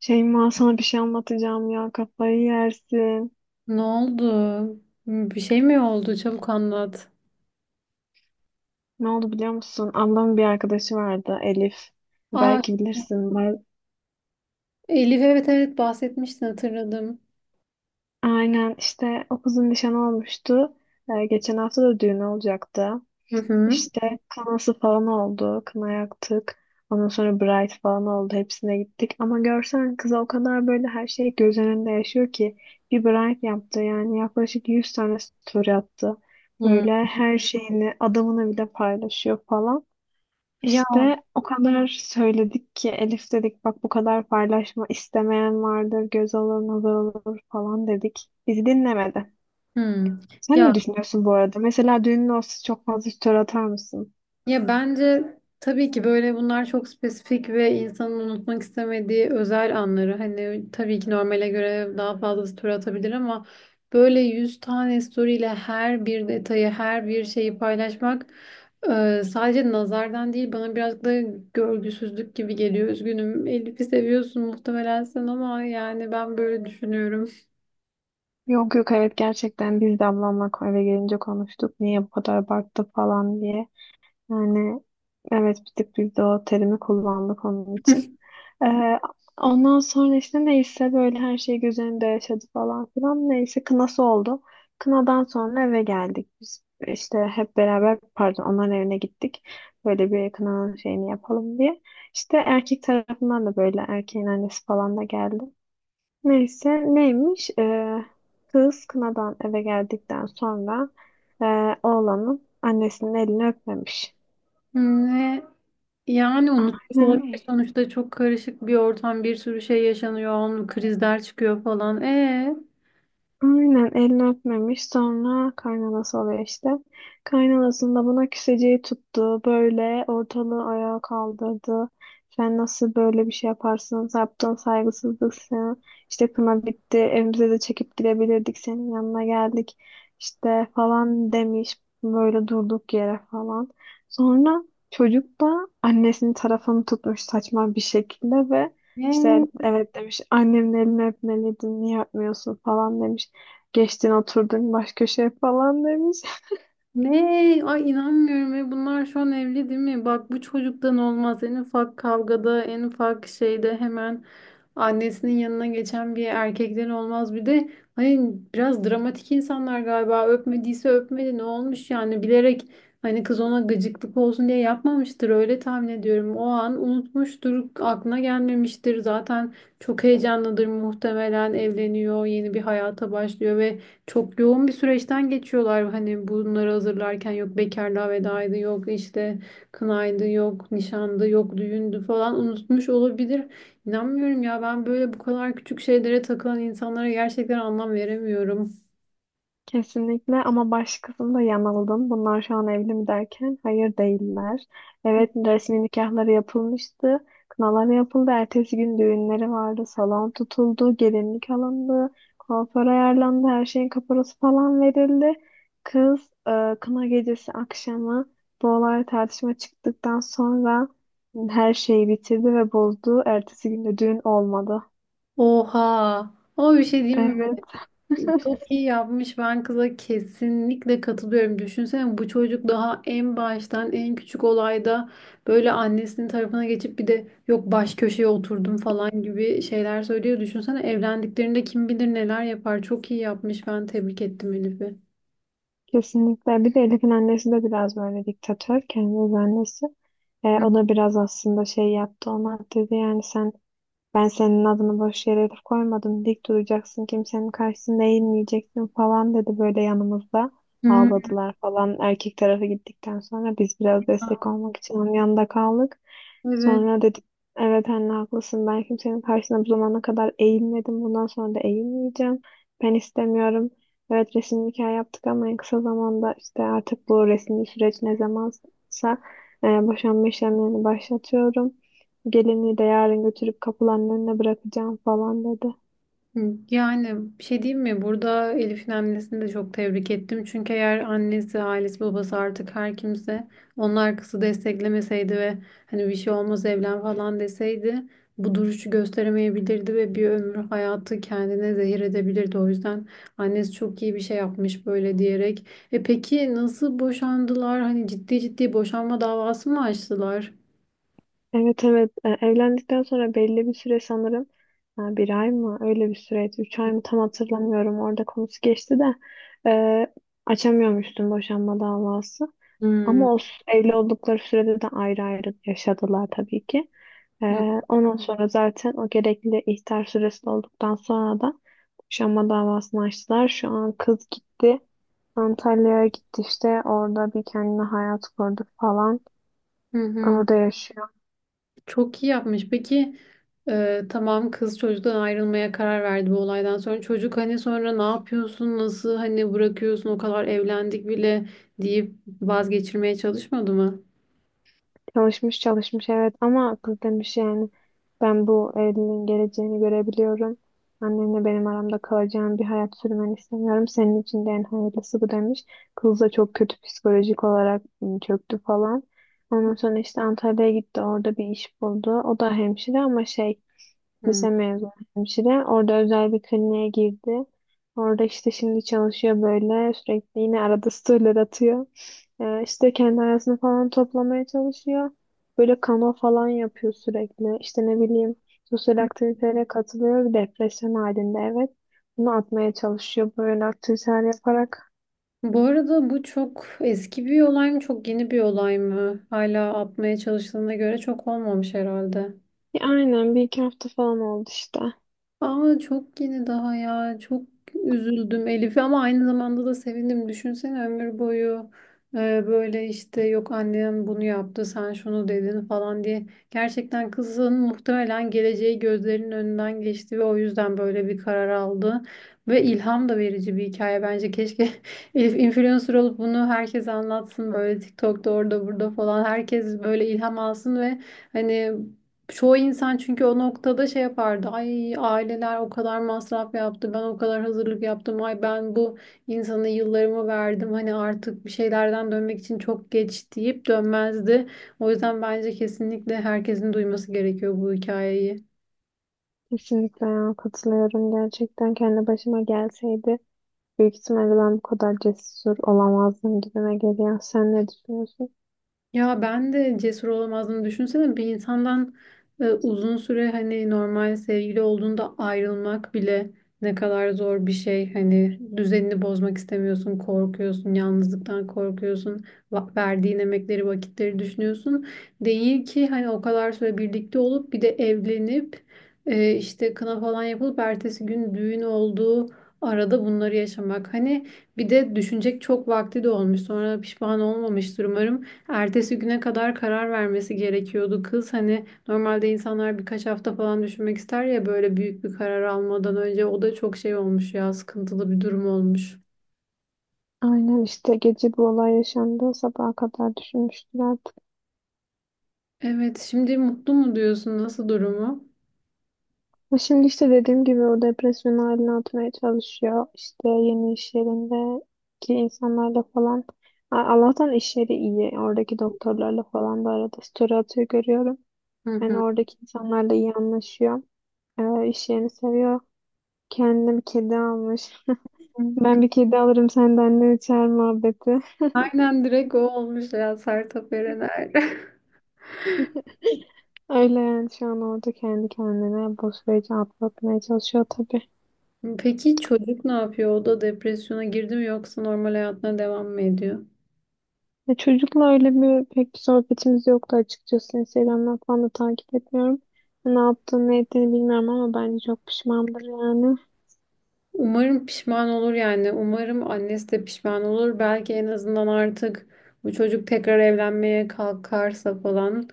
Şeyma sana bir şey anlatacağım ya kafayı yersin. Ne oldu? Bir şey mi oldu? Çabuk anlat. Ne oldu biliyor musun? Ablamın bir arkadaşı vardı Elif. Aa, Belki bilirsin. Elif evet evet bahsetmiştin hatırladım. Aynen işte o kızın nişanı olmuştu. Geçen hafta da düğünü olacaktı. Hı hı. İşte kınası falan oldu. Kına yaktık. Ondan sonra bride falan oldu. Hepsine gittik. Ama görsen kıza o kadar böyle her şey göz önünde yaşıyor ki. Bir bride yaptı yani yaklaşık 100 tane story attı. Hı. Böyle her şeyini adamını bile paylaşıyor falan. Ya, İşte o kadar söyledik ki Elif dedik bak bu kadar paylaşma, istemeyen vardır, göz alır nazar olur falan dedik. Bizi dinlemedi. hı. Sen Ya ne düşünüyorsun bu arada? Mesela düğünün olsa çok fazla story atar mısın? Ya bence tabii ki böyle bunlar çok spesifik ve insanın unutmak istemediği özel anları. Hani tabii ki normale göre daha fazlası tur atabilir ama böyle 100 tane story'le her bir detayı, her bir şeyi paylaşmak sadece nazardan değil bana biraz da görgüsüzlük gibi geliyor. Üzgünüm. Elif'i seviyorsun muhtemelen sen ama yani ben böyle düşünüyorum. Yok yok, evet, gerçekten biz de ablamla eve gelince konuştuk. Niye bu kadar abarttı falan diye. Yani evet, bir tık biz de o terimi kullandık onun için. Ee, Ondan sonra işte neyse böyle her şey göz önünde yaşadı falan filan. Neyse kınası oldu. Kınadan sonra eve geldik. Biz işte hep beraber pardon onların evine gittik. Böyle bir kınanın şeyini yapalım diye. İşte erkek tarafından da böyle erkeğin annesi falan da geldi. Neyse neymiş? Kız kınadan eve geldikten sonra e, oğlanın annesinin elini öpmemiş. Ne? Yani unutmuş olabilir Aynen. sonuçta çok karışık bir ortam, bir sürü şey yaşanıyor, onun krizler çıkıyor falan. Aynen elini öpmemiş, sonra kaynanası oluyor işte. Kaynanasının da buna küseceği tuttu. Böyle ortalığı ayağa kaldırdı. Sen nasıl böyle bir şey yaparsın? Yaptığın saygısızlık sana. İşte kına bitti. Evimize de çekip gidebilirdik. Senin yanına geldik. İşte falan demiş. Böyle durduk yere falan. Sonra çocuk da annesinin tarafını tutmuş saçma bir şekilde ve işte Ee, evet demiş, annemin elini öpmeliydin, niye öpmüyorsun falan demiş. Geçtin oturdun baş köşeye falan demiş. Ne? Ay inanmıyorum. E bunlar şu an evli değil mi? Bak, bu çocuktan olmaz. En ufak kavgada, en ufak şeyde hemen annesinin yanına geçen bir erkekten olmaz. Bir de hani biraz dramatik insanlar galiba. Öpmediyse öpmedi. Ne olmuş yani? Bilerek hani kız ona gıcıklık olsun diye yapmamıştır. Öyle tahmin ediyorum. O an unutmuştur. Aklına gelmemiştir. Zaten çok heyecanlıdır muhtemelen. Evleniyor. Yeni bir hayata başlıyor ve çok yoğun bir süreçten geçiyorlar. Hani bunları hazırlarken yok bekarlığa vedaydı, yok işte kınaydı, yok nişandı, yok düğündü falan, unutmuş olabilir. İnanmıyorum ya, ben böyle bu kadar küçük şeylere takılan insanlara gerçekten anlam veremiyorum. Kesinlikle, ama baş kısımda yanıldım. Bunlar şu an evli mi derken, hayır değiller. Evet, resmi nikahları yapılmıştı. Kınaları yapıldı. Ertesi gün düğünleri vardı. Salon tutuldu. Gelinlik alındı. Kuaför ayarlandı. Her şeyin kaparası falan verildi. Kız kına gecesi akşamı bu olay tartışma çıktıktan sonra her şeyi bitirdi ve bozdu. Ertesi gün de düğün olmadı. Oha. Ama bir şey diyeyim. Evet. Çok iyi yapmış. Ben kıza kesinlikle katılıyorum. Düşünsene bu çocuk daha en baştan en küçük olayda böyle annesinin tarafına geçip bir de yok baş köşeye oturdum falan gibi şeyler söylüyor. Düşünsene evlendiklerinde kim bilir neler yapar. Çok iyi yapmış. Ben tebrik ettim Elif'i. Kesinlikle. Bir de Elif'in annesi de biraz böyle diktatör. Kendi öz annesi. O da biraz aslında şey yaptı, ona dedi yani sen, ben senin adını boş yere Elif koymadım. Dik duracaksın, kimsenin karşısında eğilmeyeceksin falan dedi böyle yanımızda. Hı. Ağladılar falan. Erkek tarafı gittikten sonra biz biraz destek olmak için onun yanında kaldık. Evet. Sonra dedik evet anne haklısın, ben kimsenin karşısına bu zamana kadar eğilmedim, bundan sonra da eğilmeyeceğim. Ben istemiyorum. Evet resim nikah yaptık ama en kısa zamanda işte artık bu resmi süreç ne zamansa boşanma işlemlerini başlatıyorum. Gelinliği de yarın götürüp kapılarının önüne bırakacağım falan dedi. Yani bir şey diyeyim mi? Burada Elif'in annesini de çok tebrik ettim. Çünkü eğer annesi, ailesi, babası, artık her kimse, onlar kızı desteklemeseydi ve hani bir şey olmaz evlen falan deseydi, bu duruşu gösteremeyebilirdi ve bir ömür hayatı kendine zehir edebilirdi. O yüzden annesi çok iyi bir şey yapmış böyle diyerek. E peki, nasıl boşandılar? Hani ciddi ciddi boşanma davası mı açtılar? Evet evet. Evlendikten sonra belli bir süre sanırım, ha, bir ay mı öyle bir süreydi, üç ay mı tam hatırlamıyorum, orada konusu geçti de e, açamıyormuştum boşanma davası, Hmm. ama evli oldukları sürede de ayrı ayrı yaşadılar tabii ki. E, Ondan sonra zaten o gerekli ihtar süresi dolduktan sonra da boşanma davasını açtılar. Şu an kız gitti, Antalya'ya gitti, işte orada bir kendine hayat kurdu falan, Hı hı. orada yaşıyor. Çok iyi yapmış. Peki tamam, kız çocuktan ayrılmaya karar verdi bu olaydan sonra. Çocuk hani sonra ne yapıyorsun, nasıl hani bırakıyorsun, o kadar evlendik bile deyip vazgeçirmeye çalışmadı mı? Çalışmış çalışmış, evet, ama kız demiş yani ben bu evliliğin geleceğini görebiliyorum. Annemle benim aramda kalacağım bir hayat sürmeni istemiyorum. Senin için de en hayırlısı bu demiş. Kız da çok kötü psikolojik olarak çöktü falan. Ondan sonra işte Antalya'ya gitti, orada bir iş buldu. O da hemşire ama şey, Hmm. lise mezunu hemşire. Orada özel bir kliniğe girdi. Orada işte şimdi çalışıyor böyle. Sürekli yine arada storyler atıyor. İşte kendi hayatını falan toplamaya çalışıyor. Böyle kano falan yapıyor sürekli. İşte ne bileyim, sosyal aktivitelere katılıyor. Bir depresyon halinde, evet. Bunu atmaya çalışıyor böyle aktiviteler yaparak. Bu arada bu çok eski bir olay mı, çok yeni bir olay mı? Hala atmaya çalıştığına göre çok olmamış herhalde. Ya aynen, bir iki hafta falan oldu işte. Ama çok yeni daha ya. Çok üzüldüm Elif'e, ama aynı zamanda da sevindim. Düşünsene ömür boyu böyle işte yok annem bunu yaptı sen şunu dedin falan diye. Gerçekten kızın muhtemelen geleceği gözlerinin önünden geçti ve o yüzden böyle bir karar aldı. Ve ilham da verici bir hikaye bence. Keşke Elif influencer olup bunu herkese anlatsın böyle TikTok'ta, orada burada falan. Herkes böyle ilham alsın ve hani çoğu insan çünkü o noktada şey yapardı. Ay, aileler o kadar masraf yaptı. Ben o kadar hazırlık yaptım. Ay, ben bu insana yıllarımı verdim. Hani artık bir şeylerden dönmek için çok geç deyip dönmezdi. O yüzden bence kesinlikle herkesin duyması gerekiyor bu hikayeyi. Kesinlikle ya, katılıyorum. Gerçekten kendi başıma gelseydi, büyük ihtimalle ben bu kadar cesur olamazdım gibime geliyor. Sen ne düşünüyorsun? Ya ben de cesur olamazdım. Düşünsene bir insandan uzun süre hani normal sevgili olduğunda ayrılmak bile ne kadar zor bir şey. Hani düzenini bozmak istemiyorsun, korkuyorsun, yalnızlıktan korkuyorsun, verdiğin emekleri, vakitleri düşünüyorsun. Değil ki hani o kadar süre birlikte olup bir de evlenip işte kına falan yapılıp ertesi gün düğün olduğu arada bunları yaşamak. Hani bir de düşünecek çok vakti de olmuş. Sonra pişman olmamıştır umarım. Ertesi güne kadar karar vermesi gerekiyordu kız. Hani normalde insanlar birkaç hafta falan düşünmek ister ya böyle büyük bir karar almadan önce. O da çok şey olmuş ya, sıkıntılı bir durum olmuş. Aynen işte gece bu olay yaşandı. Sabaha kadar düşünmüştür artık. Evet, şimdi mutlu mu diyorsun? Nasıl durumu? Ama şimdi işte dediğim gibi o depresyon haline atmaya çalışıyor. İşte yeni iş yerindeki insanlarla falan. Allah'tan iş yeri iyi. Oradaki doktorlarla falan da arada story atıyor, görüyorum. Hı Yani hı. oradaki insanlarla iyi anlaşıyor. İş yerini seviyor. Kendine bir kedi almış. Ben bir kedi alırım senden ne içer muhabbeti. Aynen, direkt o olmuş ya, Sertab Erener. Öyle yani şu an orada kendi kendine bu süreci atlatmaya çalışıyor tabii. Peki çocuk ne yapıyor? O da depresyona girdi mi yoksa normal hayatına devam mı ediyor? Çocukla öyle bir pek bir sohbetimiz yoktu açıkçası. Instagram'dan falan da takip etmiyorum. Ne yaptığını ne ettiğini bilmiyorum ama bence çok pişmandır yani. Umarım pişman olur yani. Umarım annesi de pişman olur. Belki en azından artık bu çocuk tekrar evlenmeye kalkarsa falan.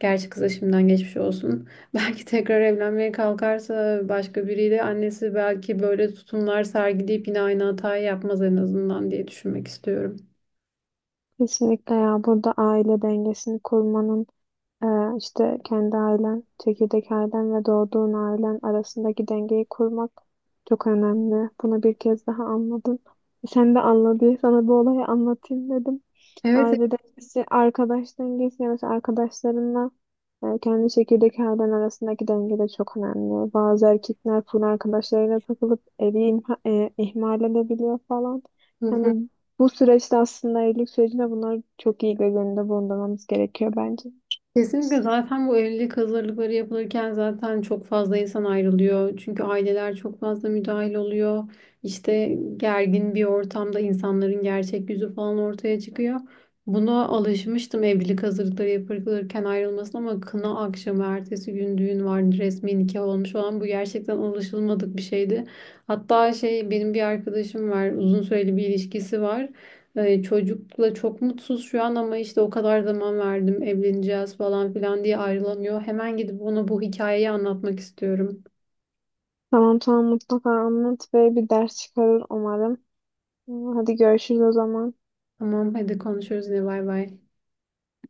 Gerçi kıza şimdiden geçmiş olsun. Belki tekrar evlenmeye kalkarsa başka biriyle, annesi belki böyle tutumlar sergileyip yine aynı hatayı yapmaz en azından diye düşünmek istiyorum. Kesinlikle ya, burada aile dengesini kurmanın, e, işte kendi ailen, çekirdek ailen ve doğduğun ailen arasındaki dengeyi kurmak çok önemli. Bunu bir kez daha anladım. Sen de anla diye sana bu olayı anlatayım dedim. Evet. Aile dengesi, arkadaş dengesi. Yani mesela arkadaşlarınla kendi çekirdek ailen arasındaki denge de çok önemli. Bazı erkekler full arkadaşlarıyla takılıp ihmal edebiliyor falan. Evet. Yani bu süreçte aslında evlilik sürecinde bunları çok iyi göz önünde bulundurmamız gerekiyor bence. Kesinlikle, zaten bu evlilik hazırlıkları yapılırken zaten çok fazla insan ayrılıyor. Çünkü aileler çok fazla müdahil oluyor. İşte gergin bir ortamda insanların gerçek yüzü falan ortaya çıkıyor. Buna alışmıştım, evlilik hazırlıkları yapılırken ayrılmasına, ama kına akşamı ertesi gün düğün vardı, resmi nikah olmuş olan, bu gerçekten alışılmadık bir şeydi. Hatta şey, benim bir arkadaşım var, uzun süreli bir ilişkisi var. Çocukla çok mutsuz şu an, ama işte o kadar zaman verdim evleneceğiz falan filan diye ayrılamıyor. Hemen gidip ona bu hikayeyi anlatmak istiyorum. Tamam tamam, mutlaka anlat ve bir ders çıkarır umarım. Hadi görüşürüz o zaman. Tamam, hadi konuşuruz, ne? Bay bay.